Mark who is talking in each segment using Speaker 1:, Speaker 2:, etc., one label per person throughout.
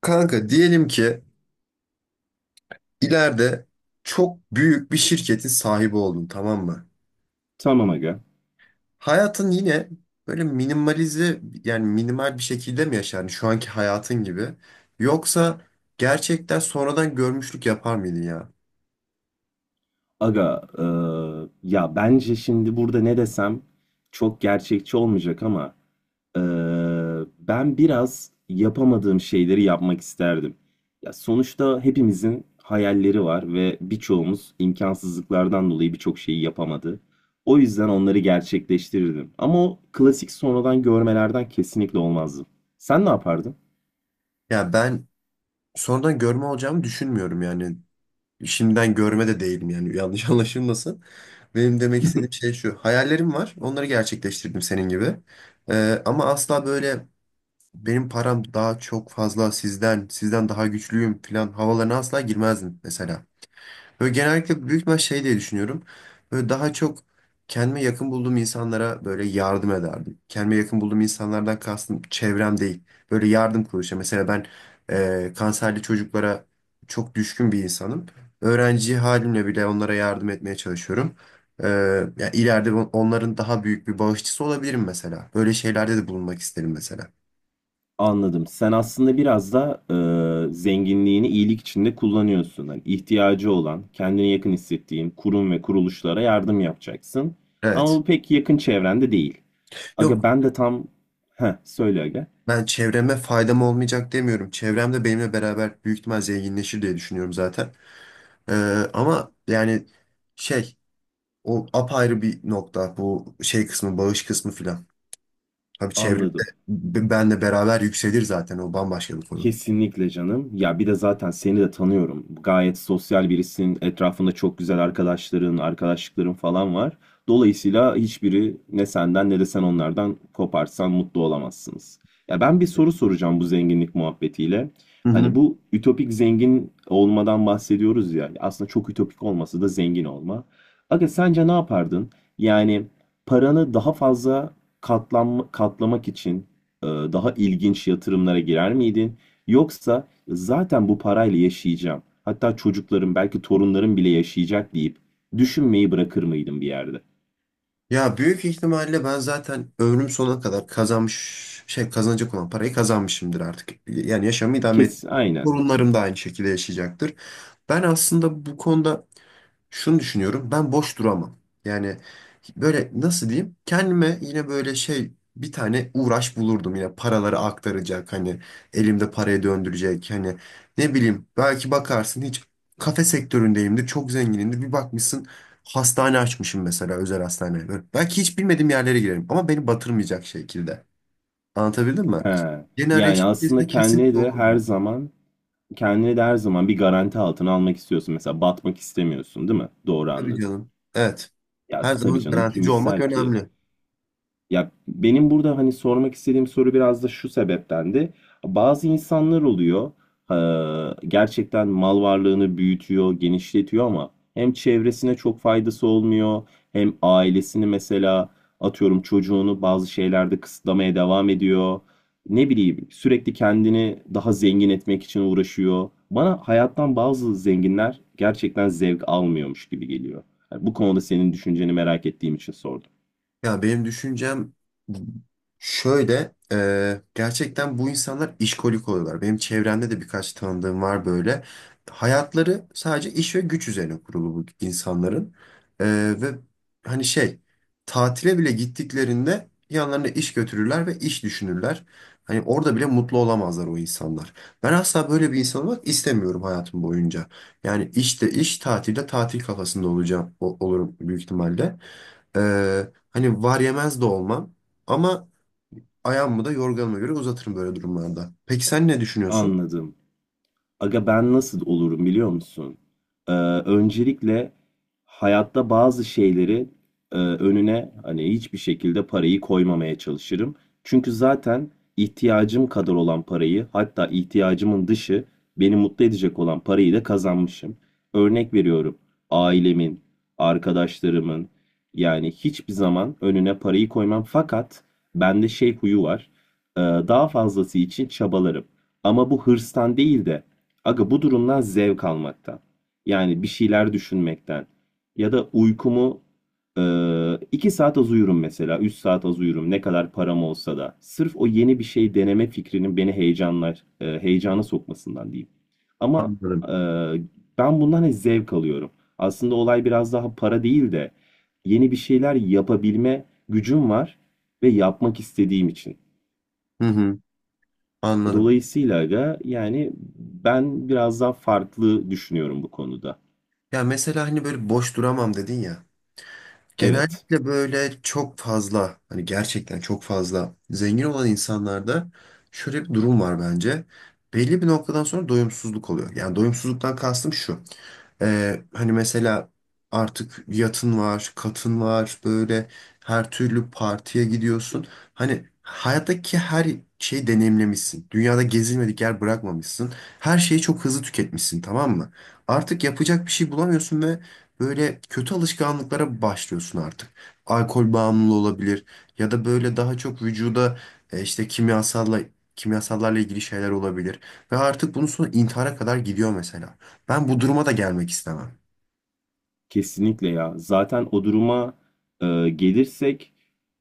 Speaker 1: Kanka diyelim ki ileride çok büyük bir şirketin sahibi oldun, tamam mı?
Speaker 2: Tamam aga.
Speaker 1: Hayatın yine böyle minimalize yani minimal bir şekilde mi yaşar? Yani şu anki hayatın gibi. Yoksa gerçekten sonradan görmüşlük yapar mıydın ya?
Speaker 2: Aga, ya bence şimdi burada ne desem çok gerçekçi olmayacak ama eee, ben biraz yapamadığım şeyleri yapmak isterdim. Ya sonuçta hepimizin hayalleri var ve birçoğumuz imkansızlıklardan dolayı birçok şeyi yapamadı. O yüzden onları gerçekleştirirdim. Ama o klasik sonradan görmelerden kesinlikle olmazdım. Sen ne yapardın?
Speaker 1: Ya ben sonradan görme olacağımı düşünmüyorum yani. Şimdiden görme de değilim yani yanlış anlaşılmasın. Benim demek istediğim şey şu. Hayallerim var. Onları gerçekleştirdim senin gibi. Ama asla böyle benim param daha çok fazla sizden daha güçlüyüm falan havalarına asla girmezdim mesela. Böyle genellikle büyük bir şey diye düşünüyorum. Böyle daha çok kendime yakın bulduğum insanlara böyle yardım ederdim. Kendime yakın bulduğum insanlardan kastım çevrem değil. Böyle yardım kuruluşu. Mesela ben kanserli çocuklara çok düşkün bir insanım. Öğrenci halimle bile onlara yardım etmeye çalışıyorum. E, Yani ileride onların daha büyük bir bağışçısı olabilirim mesela. Böyle şeylerde de bulunmak isterim mesela.
Speaker 2: Anladım. Sen aslında biraz da zenginliğini iyilik içinde kullanıyorsun. Hani ihtiyacı olan, kendine yakın hissettiğin kurum ve kuruluşlara yardım yapacaksın. Ama
Speaker 1: Evet.
Speaker 2: bu pek yakın çevrende değil. Aga
Speaker 1: Yok,
Speaker 2: ben de tam... Heh, söyle aga.
Speaker 1: ben çevreme faydam olmayacak demiyorum. Çevrem de benimle beraber büyük ihtimal zenginleşir diye düşünüyorum zaten. Ee, Ama yani şey o apayrı bir nokta, bu şey kısmı, bağış kısmı filan. Tabii çevremde
Speaker 2: Anladım.
Speaker 1: benle beraber yükselir zaten, o bambaşka bir konu.
Speaker 2: Kesinlikle canım. Ya bir de zaten seni de tanıyorum. Gayet sosyal birisin. Etrafında çok güzel arkadaşların, arkadaşlıkların falan var. Dolayısıyla hiçbiri ne senden ne de sen onlardan koparsan mutlu olamazsınız. Ya ben bir soru soracağım bu zenginlik muhabbetiyle.
Speaker 1: Hı
Speaker 2: Hani
Speaker 1: hı.
Speaker 2: bu ütopik zengin olmadan bahsediyoruz ya. Aslında çok ütopik olması da zengin olma. Aga sence ne yapardın? Yani paranı daha fazla katlamak için daha ilginç yatırımlara girer miydin? Yoksa zaten bu parayla yaşayacağım. Hatta çocuklarım belki torunlarım bile yaşayacak deyip düşünmeyi bırakır mıydım bir yerde?
Speaker 1: Ya büyük ihtimalle ben zaten ömrüm sonuna kadar kazanmış şey kazanacak olan parayı kazanmışımdır artık. Yani yaşamı idame et.
Speaker 2: Kes, aynen.
Speaker 1: Torunlarım da aynı şekilde yaşayacaktır. Ben aslında bu konuda şunu düşünüyorum. Ben boş duramam. Yani böyle nasıl diyeyim? Kendime yine böyle şey bir tane uğraş bulurdum, yine paraları aktaracak hani, elimde parayı döndürecek hani, ne bileyim belki bakarsın hiç kafe sektöründeyimdir, çok zenginimdir, bir bakmışsın hastane açmışım mesela, özel hastane. Böyle belki hiç bilmediğim yerlere girerim ama beni batırmayacak şekilde, anlatabildim mi?
Speaker 2: He.
Speaker 1: Yeni arayış
Speaker 2: Yani aslında
Speaker 1: içerisinde
Speaker 2: kendine
Speaker 1: kesinlikle
Speaker 2: de her
Speaker 1: olurdum,
Speaker 2: zaman kendine de her zaman bir garanti altına almak istiyorsun. Mesela batmak istemiyorsun, değil mi? Doğru
Speaker 1: tabii
Speaker 2: anladım.
Speaker 1: canım, evet,
Speaker 2: Ya
Speaker 1: her
Speaker 2: tabii
Speaker 1: zaman
Speaker 2: canım kim
Speaker 1: garantici olmak
Speaker 2: ister ki?
Speaker 1: önemli.
Speaker 2: Ya benim burada hani sormak istediğim soru biraz da şu sebeptendi. Bazı insanlar oluyor, gerçekten mal varlığını büyütüyor, genişletiyor ama hem çevresine çok faydası olmuyor, hem ailesini mesela atıyorum çocuğunu bazı şeylerde kısıtlamaya devam ediyor. Ne bileyim sürekli kendini daha zengin etmek için uğraşıyor. Bana hayattan bazı zenginler gerçekten zevk almıyormuş gibi geliyor. Yani bu konuda senin düşünceni merak ettiğim için sordum.
Speaker 1: Ya benim düşüncem şöyle, gerçekten bu insanlar işkolik oluyorlar. Benim çevremde de birkaç tanıdığım var böyle. Hayatları sadece iş ve güç üzerine kurulu bu insanların. E, Ve hani şey, tatile bile gittiklerinde yanlarına iş götürürler ve iş düşünürler. Hani orada bile mutlu olamazlar o insanlar. Ben asla böyle bir insan olmak istemiyorum hayatım boyunca. Yani işte iş, tatilde tatil kafasında olacağım, olurum büyük ihtimalle. Hani var yemez de olmam ama ayağımı da yorganıma göre uzatırım böyle durumlarda. Peki sen ne düşünüyorsun?
Speaker 2: Anladım. Aga ben nasıl olurum biliyor musun? Ee, Öncelikle hayatta bazı şeyleri önüne hani hiçbir şekilde parayı koymamaya çalışırım. Çünkü zaten ihtiyacım kadar olan parayı hatta ihtiyacımın dışı beni mutlu edecek olan parayı da kazanmışım. Örnek veriyorum ailemin, arkadaşlarımın yani hiçbir zaman önüne parayı koymam. Fakat bende şey huyu var. Daha fazlası için çabalarım. Ama bu hırstan değil de aga bu durumdan zevk almaktan. Yani bir şeyler düşünmekten. Ya da uykumu e, 2 saat az uyurum mesela. 3 saat az uyurum. Ne kadar param olsa da. Sırf o yeni bir şey deneme fikrinin beni heyecana sokmasından diyeyim. Ama e,
Speaker 1: Anladım.
Speaker 2: ben bundan hep zevk alıyorum. Aslında olay biraz daha para değil de yeni bir şeyler yapabilme gücüm var ve yapmak istediğim için.
Speaker 1: Hı hı, anladım.
Speaker 2: Dolayısıyla aga yani ben biraz daha farklı düşünüyorum bu konuda.
Speaker 1: Ya mesela hani böyle boş duramam dedin ya.
Speaker 2: Evet,
Speaker 1: Genellikle böyle çok fazla hani gerçekten çok fazla zengin olan insanlarda şöyle bir durum var bence. Belli bir noktadan sonra doyumsuzluk oluyor. Yani doyumsuzluktan kastım şu. Hani mesela artık yatın var, katın var, böyle her türlü partiye gidiyorsun. Hani hayattaki her şeyi deneyimlemişsin. Dünyada gezilmedik yer bırakmamışsın. Her şeyi çok hızlı tüketmişsin, tamam mı? Artık yapacak bir şey bulamıyorsun ve böyle kötü alışkanlıklara başlıyorsun artık. Alkol bağımlılığı olabilir ya da böyle daha çok vücuda işte kimyasallarla ilgili şeyler olabilir. Ve artık bunun sonu intihara kadar gidiyor mesela. Ben bu duruma da gelmek istemem.
Speaker 2: kesinlikle ya. Zaten o duruma gelirsek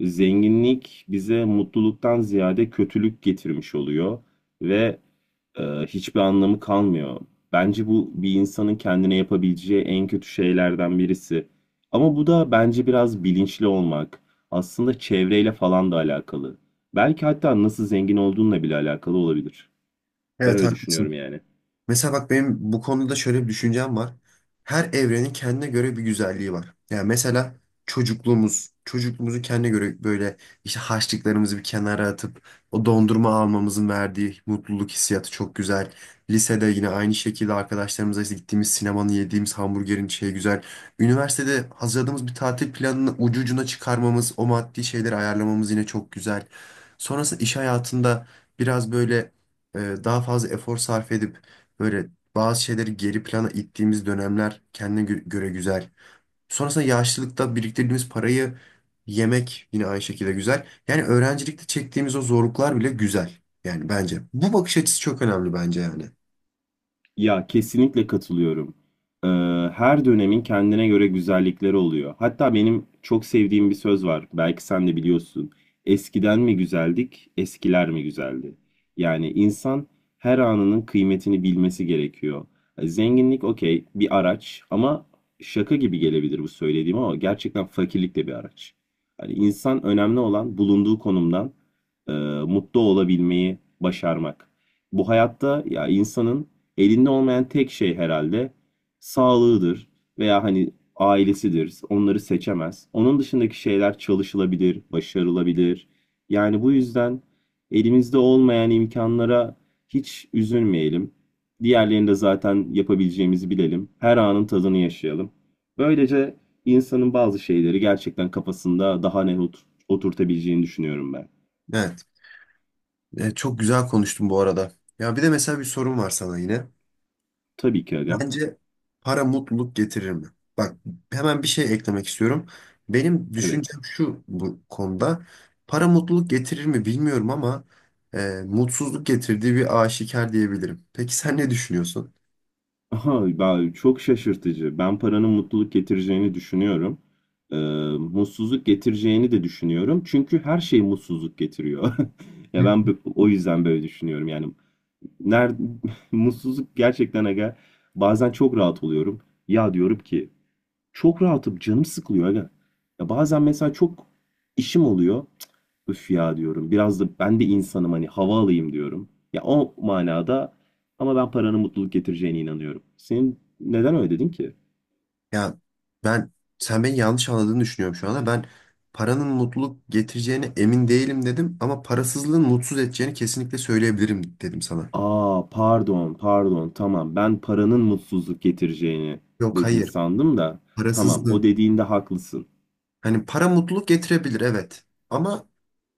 Speaker 2: zenginlik bize mutluluktan ziyade kötülük getirmiş oluyor ve hiçbir anlamı kalmıyor. Bence bu bir insanın kendine yapabileceği en kötü şeylerden birisi. Ama bu da bence biraz bilinçli olmak. Aslında çevreyle falan da alakalı. Belki hatta nasıl zengin olduğunla bile alakalı olabilir. Ben
Speaker 1: Evet,
Speaker 2: öyle düşünüyorum
Speaker 1: haklısın.
Speaker 2: yani.
Speaker 1: Mesela bak, benim bu konuda şöyle bir düşüncem var. Her evrenin kendine göre bir güzelliği var. Yani mesela çocukluğumuzu kendine göre böyle işte harçlıklarımızı bir kenara atıp o dondurma almamızın verdiği mutluluk hissiyatı çok güzel. Lisede yine aynı şekilde arkadaşlarımızla işte gittiğimiz sinemanın, yediğimiz hamburgerin şeyi güzel. Üniversitede hazırladığımız bir tatil planını ucu ucuna çıkarmamız, o maddi şeyleri ayarlamamız yine çok güzel. Sonrasında iş hayatında biraz böyle daha fazla efor sarf edip böyle bazı şeyleri geri plana ittiğimiz dönemler kendine göre güzel. Sonrasında yaşlılıkta biriktirdiğimiz parayı yemek yine aynı şekilde güzel. Yani öğrencilikte çektiğimiz o zorluklar bile güzel. Yani bence. Bu bakış açısı çok önemli bence yani.
Speaker 2: Ya kesinlikle katılıyorum. Ee, Her dönemin kendine göre güzellikleri oluyor. Hatta benim çok sevdiğim bir söz var. Belki sen de biliyorsun. Eskiden mi güzeldik, eskiler mi güzeldi? Yani insan her anının kıymetini bilmesi gerekiyor. Zenginlik okey bir araç ama şaka gibi gelebilir bu söylediğim ama gerçekten fakirlik de bir araç. Yani insan önemli olan bulunduğu konumdan e, mutlu olabilmeyi başarmak. Bu hayatta ya insanın elinde olmayan tek şey herhalde sağlığıdır veya hani ailesidir. Onları seçemez. Onun dışındaki şeyler çalışılabilir, başarılabilir. Yani bu yüzden elimizde olmayan imkanlara hiç üzülmeyelim. Diğerlerini de zaten yapabileceğimizi bilelim. Her anın tadını yaşayalım. Böylece insanın bazı şeyleri gerçekten kafasında daha net oturtabileceğini düşünüyorum ben.
Speaker 1: Evet. Çok güzel konuştun bu arada. Ya bir de mesela bir sorum var sana yine.
Speaker 2: Tabii ki agam.
Speaker 1: Bence para mutluluk getirir mi? Bak, hemen bir şey eklemek istiyorum. Benim
Speaker 2: Evet.
Speaker 1: düşüncem şu bu konuda. Para mutluluk getirir mi bilmiyorum ama e, mutsuzluk getirdiği bir aşikar diyebilirim. Peki sen ne düşünüyorsun?
Speaker 2: Aha, çok şaşırtıcı. Ben paranın mutluluk getireceğini düşünüyorum. Ee, Mutsuzluk getireceğini de düşünüyorum. Çünkü her şey mutsuzluk getiriyor. Ya ben o yüzden böyle düşünüyorum. Yani nerede mutsuzluk gerçekten aga bazen çok rahat oluyorum. Ya diyorum ki çok rahatım canım sıkılıyor aga. Ya bazen mesela çok işim oluyor. Üf ya diyorum. Biraz da ben de insanım hani hava alayım diyorum. Ya o manada ama ben paranın mutluluk getireceğine inanıyorum. Senin neden öyle dedin ki?
Speaker 1: Ya ben sen beni yanlış anladığını düşünüyorum şu anda. Ben paranın mutluluk getireceğine emin değilim dedim ama parasızlığın mutsuz edeceğini kesinlikle söyleyebilirim dedim sana.
Speaker 2: Aa pardon pardon tamam ben paranın mutsuzluk getireceğini
Speaker 1: Yok,
Speaker 2: dedin
Speaker 1: hayır.
Speaker 2: sandım da tamam o
Speaker 1: Parasızlığın.
Speaker 2: dediğinde haklısın.
Speaker 1: Hani para mutluluk getirebilir, evet. Ama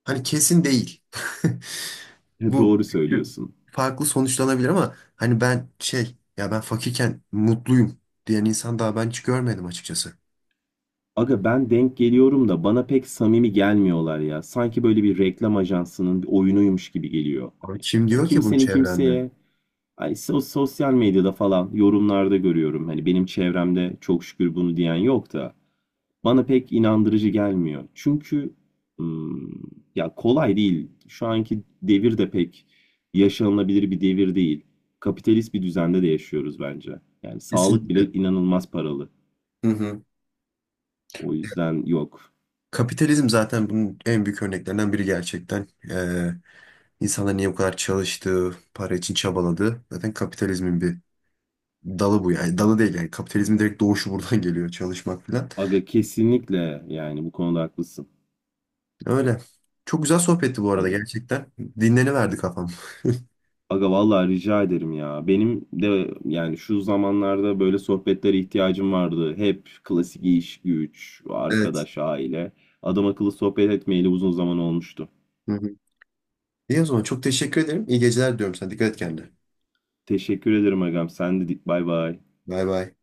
Speaker 1: hani kesin değil. Bu
Speaker 2: Doğru
Speaker 1: çünkü
Speaker 2: söylüyorsun.
Speaker 1: farklı sonuçlanabilir ama hani ben şey ya ben fakirken mutluyum diyen insan daha ben hiç görmedim açıkçası.
Speaker 2: Aga ben denk geliyorum da bana pek samimi gelmiyorlar ya. Sanki böyle bir reklam ajansının bir oyunuymuş gibi geliyor. Hani
Speaker 1: Abi kim
Speaker 2: ya
Speaker 1: diyor ki bunu
Speaker 2: kimsenin
Speaker 1: çevrende?
Speaker 2: kimseye ay, sosyal medyada falan yorumlarda görüyorum. Hani benim çevremde çok şükür bunu diyen yok da bana pek inandırıcı gelmiyor. Çünkü hmm, ya kolay değil. Şu anki devir de pek yaşanılabilir bir devir değil. Kapitalist bir düzende de yaşıyoruz bence. Yani sağlık
Speaker 1: Kesinlikle.
Speaker 2: bile inanılmaz paralı.
Speaker 1: Hı hı.
Speaker 2: O yüzden yok.
Speaker 1: Kapitalizm zaten bunun en büyük örneklerinden biri gerçekten. İnsanlar niye bu kadar çalıştığı, para için çabaladığı zaten kapitalizmin bir dalı bu yani. Dalı değil yani kapitalizmin direkt doğuşu buradan geliyor çalışmak falan.
Speaker 2: Aga kesinlikle yani bu konuda haklısın.
Speaker 1: Öyle. Çok güzel sohbetti bu arada
Speaker 2: Aga.
Speaker 1: gerçekten. Dinleniverdi kafam.
Speaker 2: Aga vallahi rica ederim ya. Benim de yani şu zamanlarda böyle sohbetlere ihtiyacım vardı. Hep klasik iş, güç,
Speaker 1: Evet.
Speaker 2: arkadaş, aile. Adam akıllı sohbet etmeyeli uzun zaman olmuştu.
Speaker 1: Hı hı. İyi o zaman çok teşekkür ederim. İyi geceler diyorum sana. Dikkat et kendine.
Speaker 2: Teşekkür ederim agam. Sen de dik bay bay.
Speaker 1: Bay bay.